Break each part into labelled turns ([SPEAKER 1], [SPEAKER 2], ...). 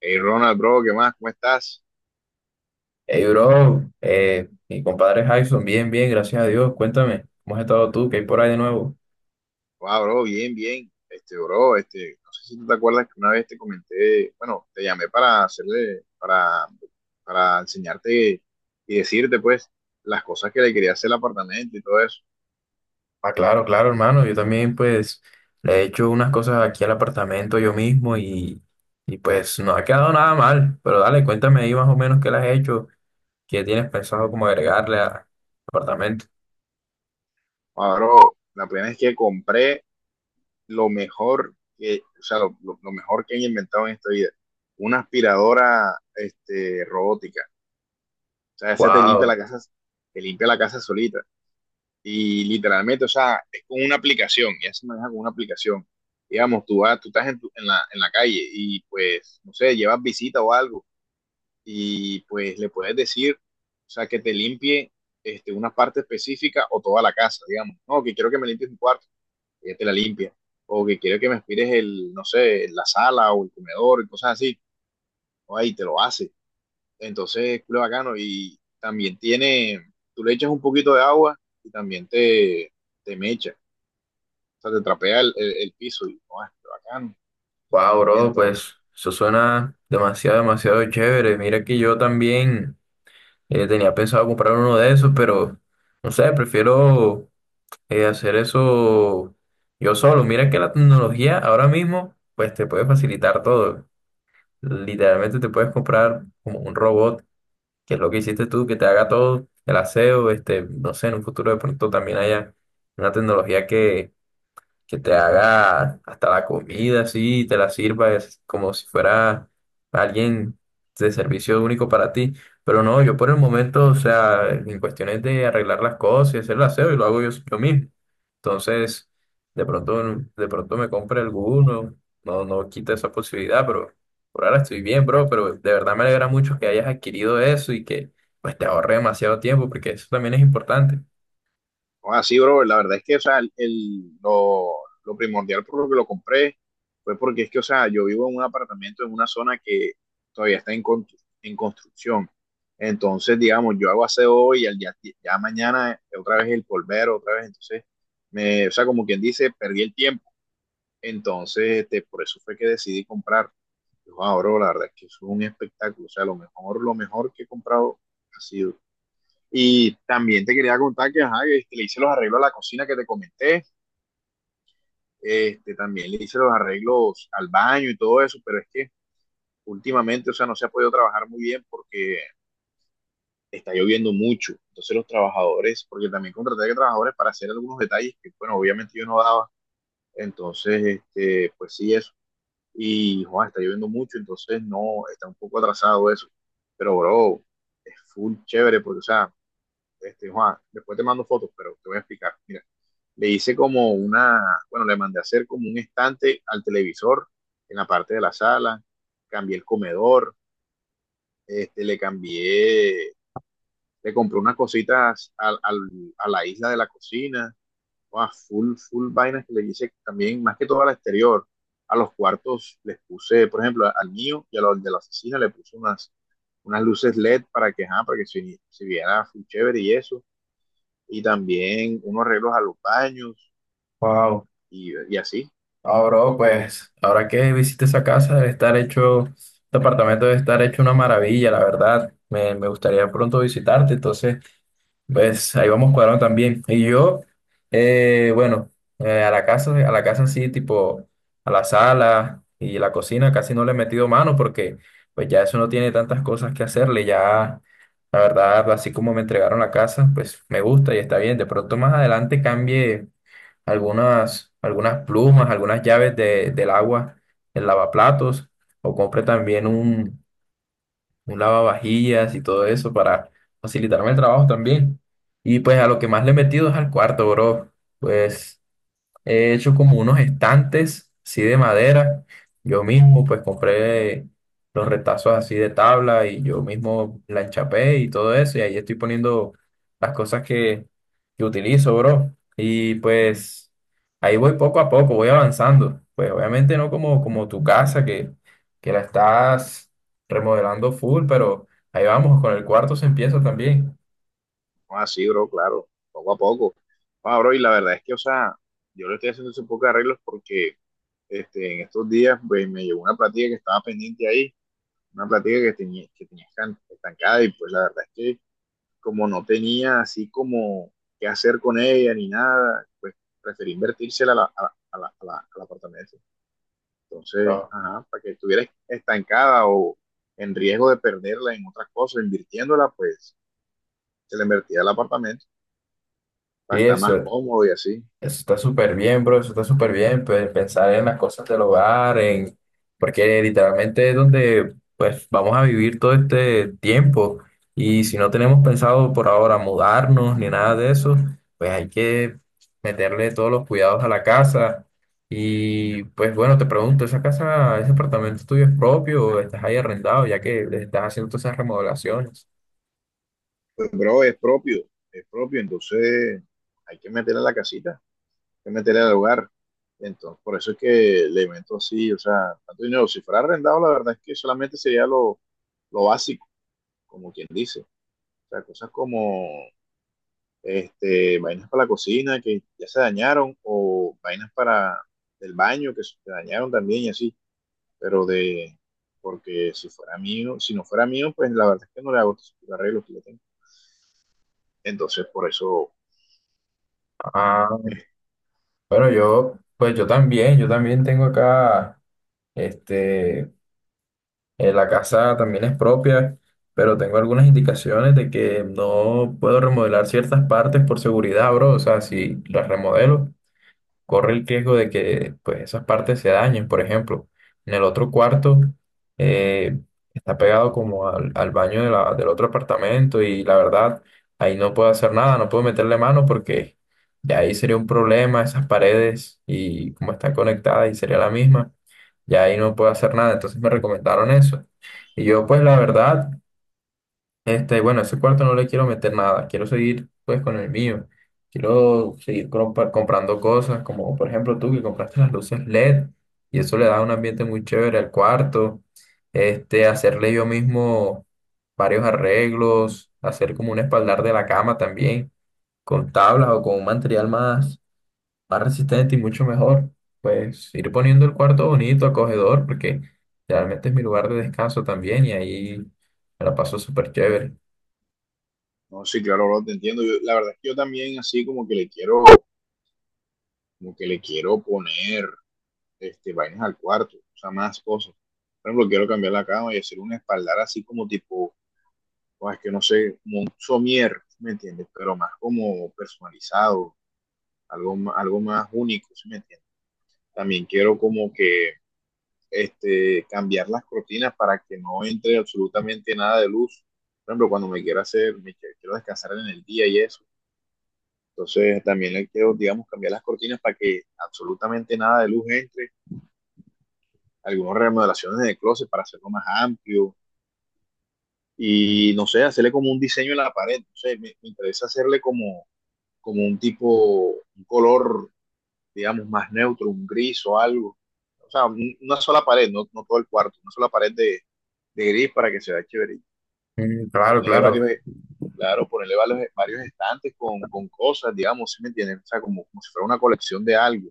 [SPEAKER 1] Hey Ronald, bro, ¿qué más? ¿Cómo estás?
[SPEAKER 2] Hey, bro, mi compadre Jackson, bien, bien, gracias a Dios. Cuéntame, ¿cómo has estado tú? ¿Qué hay por ahí de nuevo?
[SPEAKER 1] Wow, bro, bien, bien. Este, bro, este, no sé si tú te acuerdas que una vez te comenté, bueno, te llamé para enseñarte y decirte, pues, las cosas que le quería hacer al apartamento y todo eso.
[SPEAKER 2] Ah, claro, claro, hermano. Yo también, pues, le he hecho unas cosas aquí al apartamento yo mismo y pues, no ha quedado nada mal. Pero dale, cuéntame ahí más o menos qué le has hecho, qué tienes pensado como agregarle a- al apartamento.
[SPEAKER 1] Wow, bro, la plena es que compré lo mejor que, o sea, lo mejor que han inventado en esta vida. Una aspiradora, este, robótica. O sea, esa te limpia
[SPEAKER 2] Wow,
[SPEAKER 1] la casa, te limpia la casa solita. Y literalmente, o sea, es con una aplicación, ya se maneja con una aplicación. Digamos, tú vas, tú estás en la calle y pues, no sé, llevas visita o algo y pues le puedes decir, o sea, que te limpie este, una parte específica o toda la casa, digamos. No, que quiero que me limpies mi cuarto, ella te la limpia. O que quiero que me aspires el, no sé, la sala o el comedor y cosas así. O ahí te lo hace. Entonces, culo bacano. Y también tiene, tú le echas un poquito de agua y también te mecha sea, te trapea el piso y, oh, qué bacano.
[SPEAKER 2] wow, bro,
[SPEAKER 1] Entonces,
[SPEAKER 2] pues, eso suena demasiado, demasiado chévere. Mira que yo también tenía pensado comprar uno de esos, pero, no sé, prefiero hacer eso yo solo. Mira que la tecnología ahora mismo, pues te puede facilitar todo. Literalmente te puedes comprar como un robot, que es lo que hiciste tú, que te haga todo el aseo, este, no sé, en un futuro de pronto también haya una tecnología que te haga hasta la comida así, y te la sirva es como si fuera alguien de servicio único para ti. Pero no, yo por el momento, o sea, en cuestiones de arreglar las cosas y hacer el aseo, y lo hago yo, yo mismo. Entonces, de pronto, de pronto me compre alguno, no, no quita esa posibilidad, pero por ahora estoy bien, bro, pero de verdad me alegra mucho que hayas adquirido eso y que pues te ahorre demasiado tiempo, porque eso también es importante.
[SPEAKER 1] oh, así, bro, la verdad es que, o sea, lo primordial por lo que lo compré fue porque es que, o sea, yo vivo en un apartamento en una zona que todavía está en construcción. Entonces, digamos, yo hago aseo hoy y ya mañana otra vez el polvero, otra vez. Entonces, o sea, como quien dice, perdí el tiempo. Entonces, este, por eso fue que decidí comprar. Yo, ah, bro, la verdad es que es un espectáculo. O sea, lo mejor que he comprado ha sido. Y también te quería contar que ajá, este, le hice los arreglos a la cocina que te comenté, este, también le hice los arreglos al baño y todo eso, pero es que últimamente, o sea, no se ha podido trabajar muy bien porque está lloviendo mucho. Entonces los trabajadores, porque también contraté a trabajadores para hacer algunos detalles que, bueno, obviamente yo no daba. Entonces, este, pues sí, eso. Y, Juan, está lloviendo mucho, entonces no, está un poco atrasado eso. Pero, bro, es full chévere, porque, o sea, este, Juan, después te mando fotos, pero te voy a explicar. Mira. Le hice como una, bueno, le mandé a hacer como un estante al televisor en la parte de la sala, cambié el comedor, este, le cambié, le compré unas cositas a la isla de la cocina, wow, full, full vainas que le hice también, más que todo al exterior. A los cuartos les puse, por ejemplo, al mío y a los de la oficina le puse unas luces LED para que, ajá, para que se viera full chévere y eso. Y también unos arreglos a los baños
[SPEAKER 2] Wow.
[SPEAKER 1] y así,
[SPEAKER 2] Ah,
[SPEAKER 1] poco
[SPEAKER 2] bro,
[SPEAKER 1] a poco.
[SPEAKER 2] pues ahora que visité esa casa, debe estar hecho, este apartamento debe estar hecho una maravilla, la verdad. Me gustaría pronto visitarte, entonces, pues ahí vamos cuadrando también. Y yo, bueno, a la casa sí, tipo, a la sala y la cocina casi no le he metido mano porque, pues ya eso no tiene tantas cosas que hacerle, ya, la verdad, así como me entregaron la casa, pues me gusta y está bien. De pronto más adelante cambie algunas, algunas plumas, algunas llaves de- del agua, el lavaplatos, o compre también un lavavajillas y todo eso para facilitarme el trabajo también. Y pues a lo que más le he metido es al cuarto, bro. Pues he hecho como unos estantes, así de madera. Yo mismo, pues compré los retazos así de tabla y yo mismo la enchapé y todo eso. Y ahí estoy poniendo las cosas que utilizo, bro. Y pues ahí voy poco a poco, voy avanzando. Pues obviamente no como, como tu casa que la estás remodelando full, pero ahí vamos, con el cuarto se empieza también.
[SPEAKER 1] No, así, bro, claro, poco a poco. Ah, bro, y la verdad es que, o sea, yo le estoy haciendo un poco de arreglos porque este, en estos días pues, me llegó una platica que estaba pendiente ahí, una platica estancada y pues la verdad es que como no tenía así como qué hacer con ella ni nada, pues preferí invertírsela a la apartamento. Entonces,
[SPEAKER 2] Ah,
[SPEAKER 1] ajá, para que estuviera estancada o en riesgo de perderla en otras cosas, invirtiéndola, pues se la invertía al apartamento
[SPEAKER 2] sí,
[SPEAKER 1] para estar más
[SPEAKER 2] eso.
[SPEAKER 1] cómodo y así.
[SPEAKER 2] Eso está súper bien, bro, eso está súper bien, pues, pensar en las cosas del hogar, en porque literalmente es donde pues vamos a vivir todo este tiempo y si no tenemos pensado por ahora mudarnos ni nada de eso, pues hay que meterle todos los cuidados a la casa y pues bueno, te pregunto, ¿esa casa, ese apartamento tuyo es propio o estás ahí arrendado ya que le estás haciendo todas esas remodelaciones?
[SPEAKER 1] Bro, es propio, entonces hay que meterle a la casita, hay que meterle al hogar. Entonces, por eso es que le meto así, o sea, tanto dinero. Si fuera arrendado, la verdad es que solamente sería lo básico, como quien dice. O sea, cosas como este, vainas para la cocina que ya se dañaron, o vainas para el baño que se dañaron también y así. Pero de, porque si fuera mío, si no fuera mío, pues la verdad es que no le hago los arreglos que le tengo. Entonces, por eso.
[SPEAKER 2] Ah, bueno, yo pues yo también tengo acá este la casa también es propia, pero tengo algunas indicaciones de que no puedo remodelar ciertas partes por seguridad, bro. O sea, si las remodelo, corre el riesgo de que pues, esas partes se dañen. Por ejemplo, en el otro cuarto eh, está pegado como al, al baño de la- del otro apartamento y la verdad ahí no puedo hacer nada, no puedo meterle mano porque ya ahí sería un problema esas paredes y cómo están conectadas y sería la misma. Ya ahí no puedo hacer nada, entonces me recomendaron eso. Y yo pues la verdad... Este, bueno, ese cuarto no le quiero meter nada, quiero seguir pues con el mío. Quiero seguir compa- comprando cosas, como por ejemplo tú que compraste las luces LED y eso le da un ambiente muy chévere al cuarto. Este, hacerle yo mismo varios arreglos, hacer como un espaldar de la cama también, con tablas o con un material más, más resistente y mucho mejor. Pues ir poniendo el cuarto bonito, acogedor, porque realmente es mi lugar de descanso también y ahí me la paso súper chévere.
[SPEAKER 1] No, sí, claro, bro, te entiendo. La verdad es que yo también así como que le quiero poner este, vainas al cuarto, o sea, más cosas. Por ejemplo, quiero cambiar la cama y hacer un espaldar así como tipo, o es que no sé, como un somier, ¿sí me entiendes? Pero más como personalizado, algo más único, ¿sí me entiendes? También quiero como que este, cambiar las cortinas para que no entre absolutamente nada de luz. Por ejemplo, cuando me quiero descansar en el día y eso. Entonces también le quiero, digamos, cambiar las cortinas para que absolutamente nada de luz entre, algunas remodelaciones de closet para hacerlo más amplio y no sé, hacerle como un diseño en la pared, no sé, me interesa hacerle como un tipo, un color, digamos, más neutro, un gris o algo. O sea, una sola pared, no, no todo el cuarto, una sola pared de gris para que se vea chévere.
[SPEAKER 2] Mm, claro,
[SPEAKER 1] Ponerle
[SPEAKER 2] claro.
[SPEAKER 1] varios, claro, ponerle varios, varios estantes con cosas, digamos, ¿si me entienden? O sea, como si fuera una colección de algo.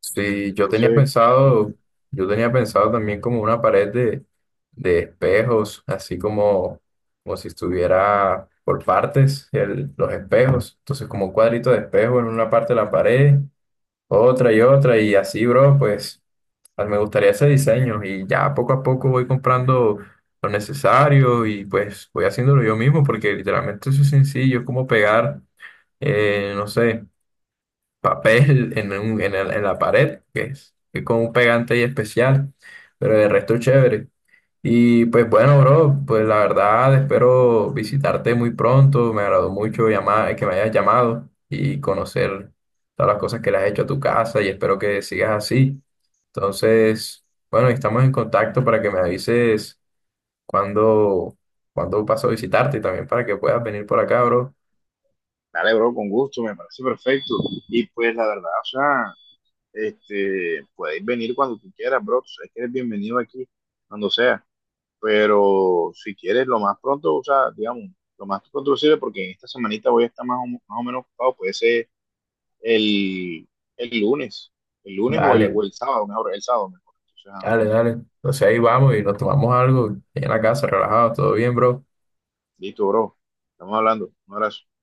[SPEAKER 2] Sí,
[SPEAKER 1] Entonces,
[SPEAKER 2] yo tenía pensado también como una pared de espejos, así como, como si estuviera por partes el- los espejos. Entonces, como un cuadrito de espejo en una parte de la pared, otra y otra, y así, bro, pues a mí me gustaría ese diseño. Y ya poco a poco voy comprando lo necesario y pues voy haciéndolo yo mismo, porque literalmente eso es sencillo, es como pegar, no sé. Papel en, un- en, el- en la pared, que es con un pegante ahí especial, pero de resto chévere. Y pues bueno, bro, pues la verdad espero visitarte muy pronto. Me agradó mucho llamar, que me hayas llamado y conocer todas las cosas que le has hecho a tu casa y espero que sigas así. Entonces, bueno, estamos en contacto para que me avises cuando cuando paso a visitarte y también para que puedas venir por acá, bro.
[SPEAKER 1] dale, bro, con gusto, me parece perfecto. Y pues la verdad, o sea, este, puedes venir cuando tú quieras, bro. Tú sabes que eres bienvenido aquí, cuando sea. Pero si quieres, lo más pronto, o sea, digamos, lo más pronto posible, porque en esta semanita voy a estar más o menos ocupado. Puede ser el, el lunes, el lunes o el,
[SPEAKER 2] Vale.
[SPEAKER 1] o el sábado, mejor, el sábado mejor. O sea,
[SPEAKER 2] Dale, dale. Entonces ahí vamos y nos tomamos algo en la casa, relajados, todo bien, bro.
[SPEAKER 1] listo, bro. Estamos hablando. Un abrazo.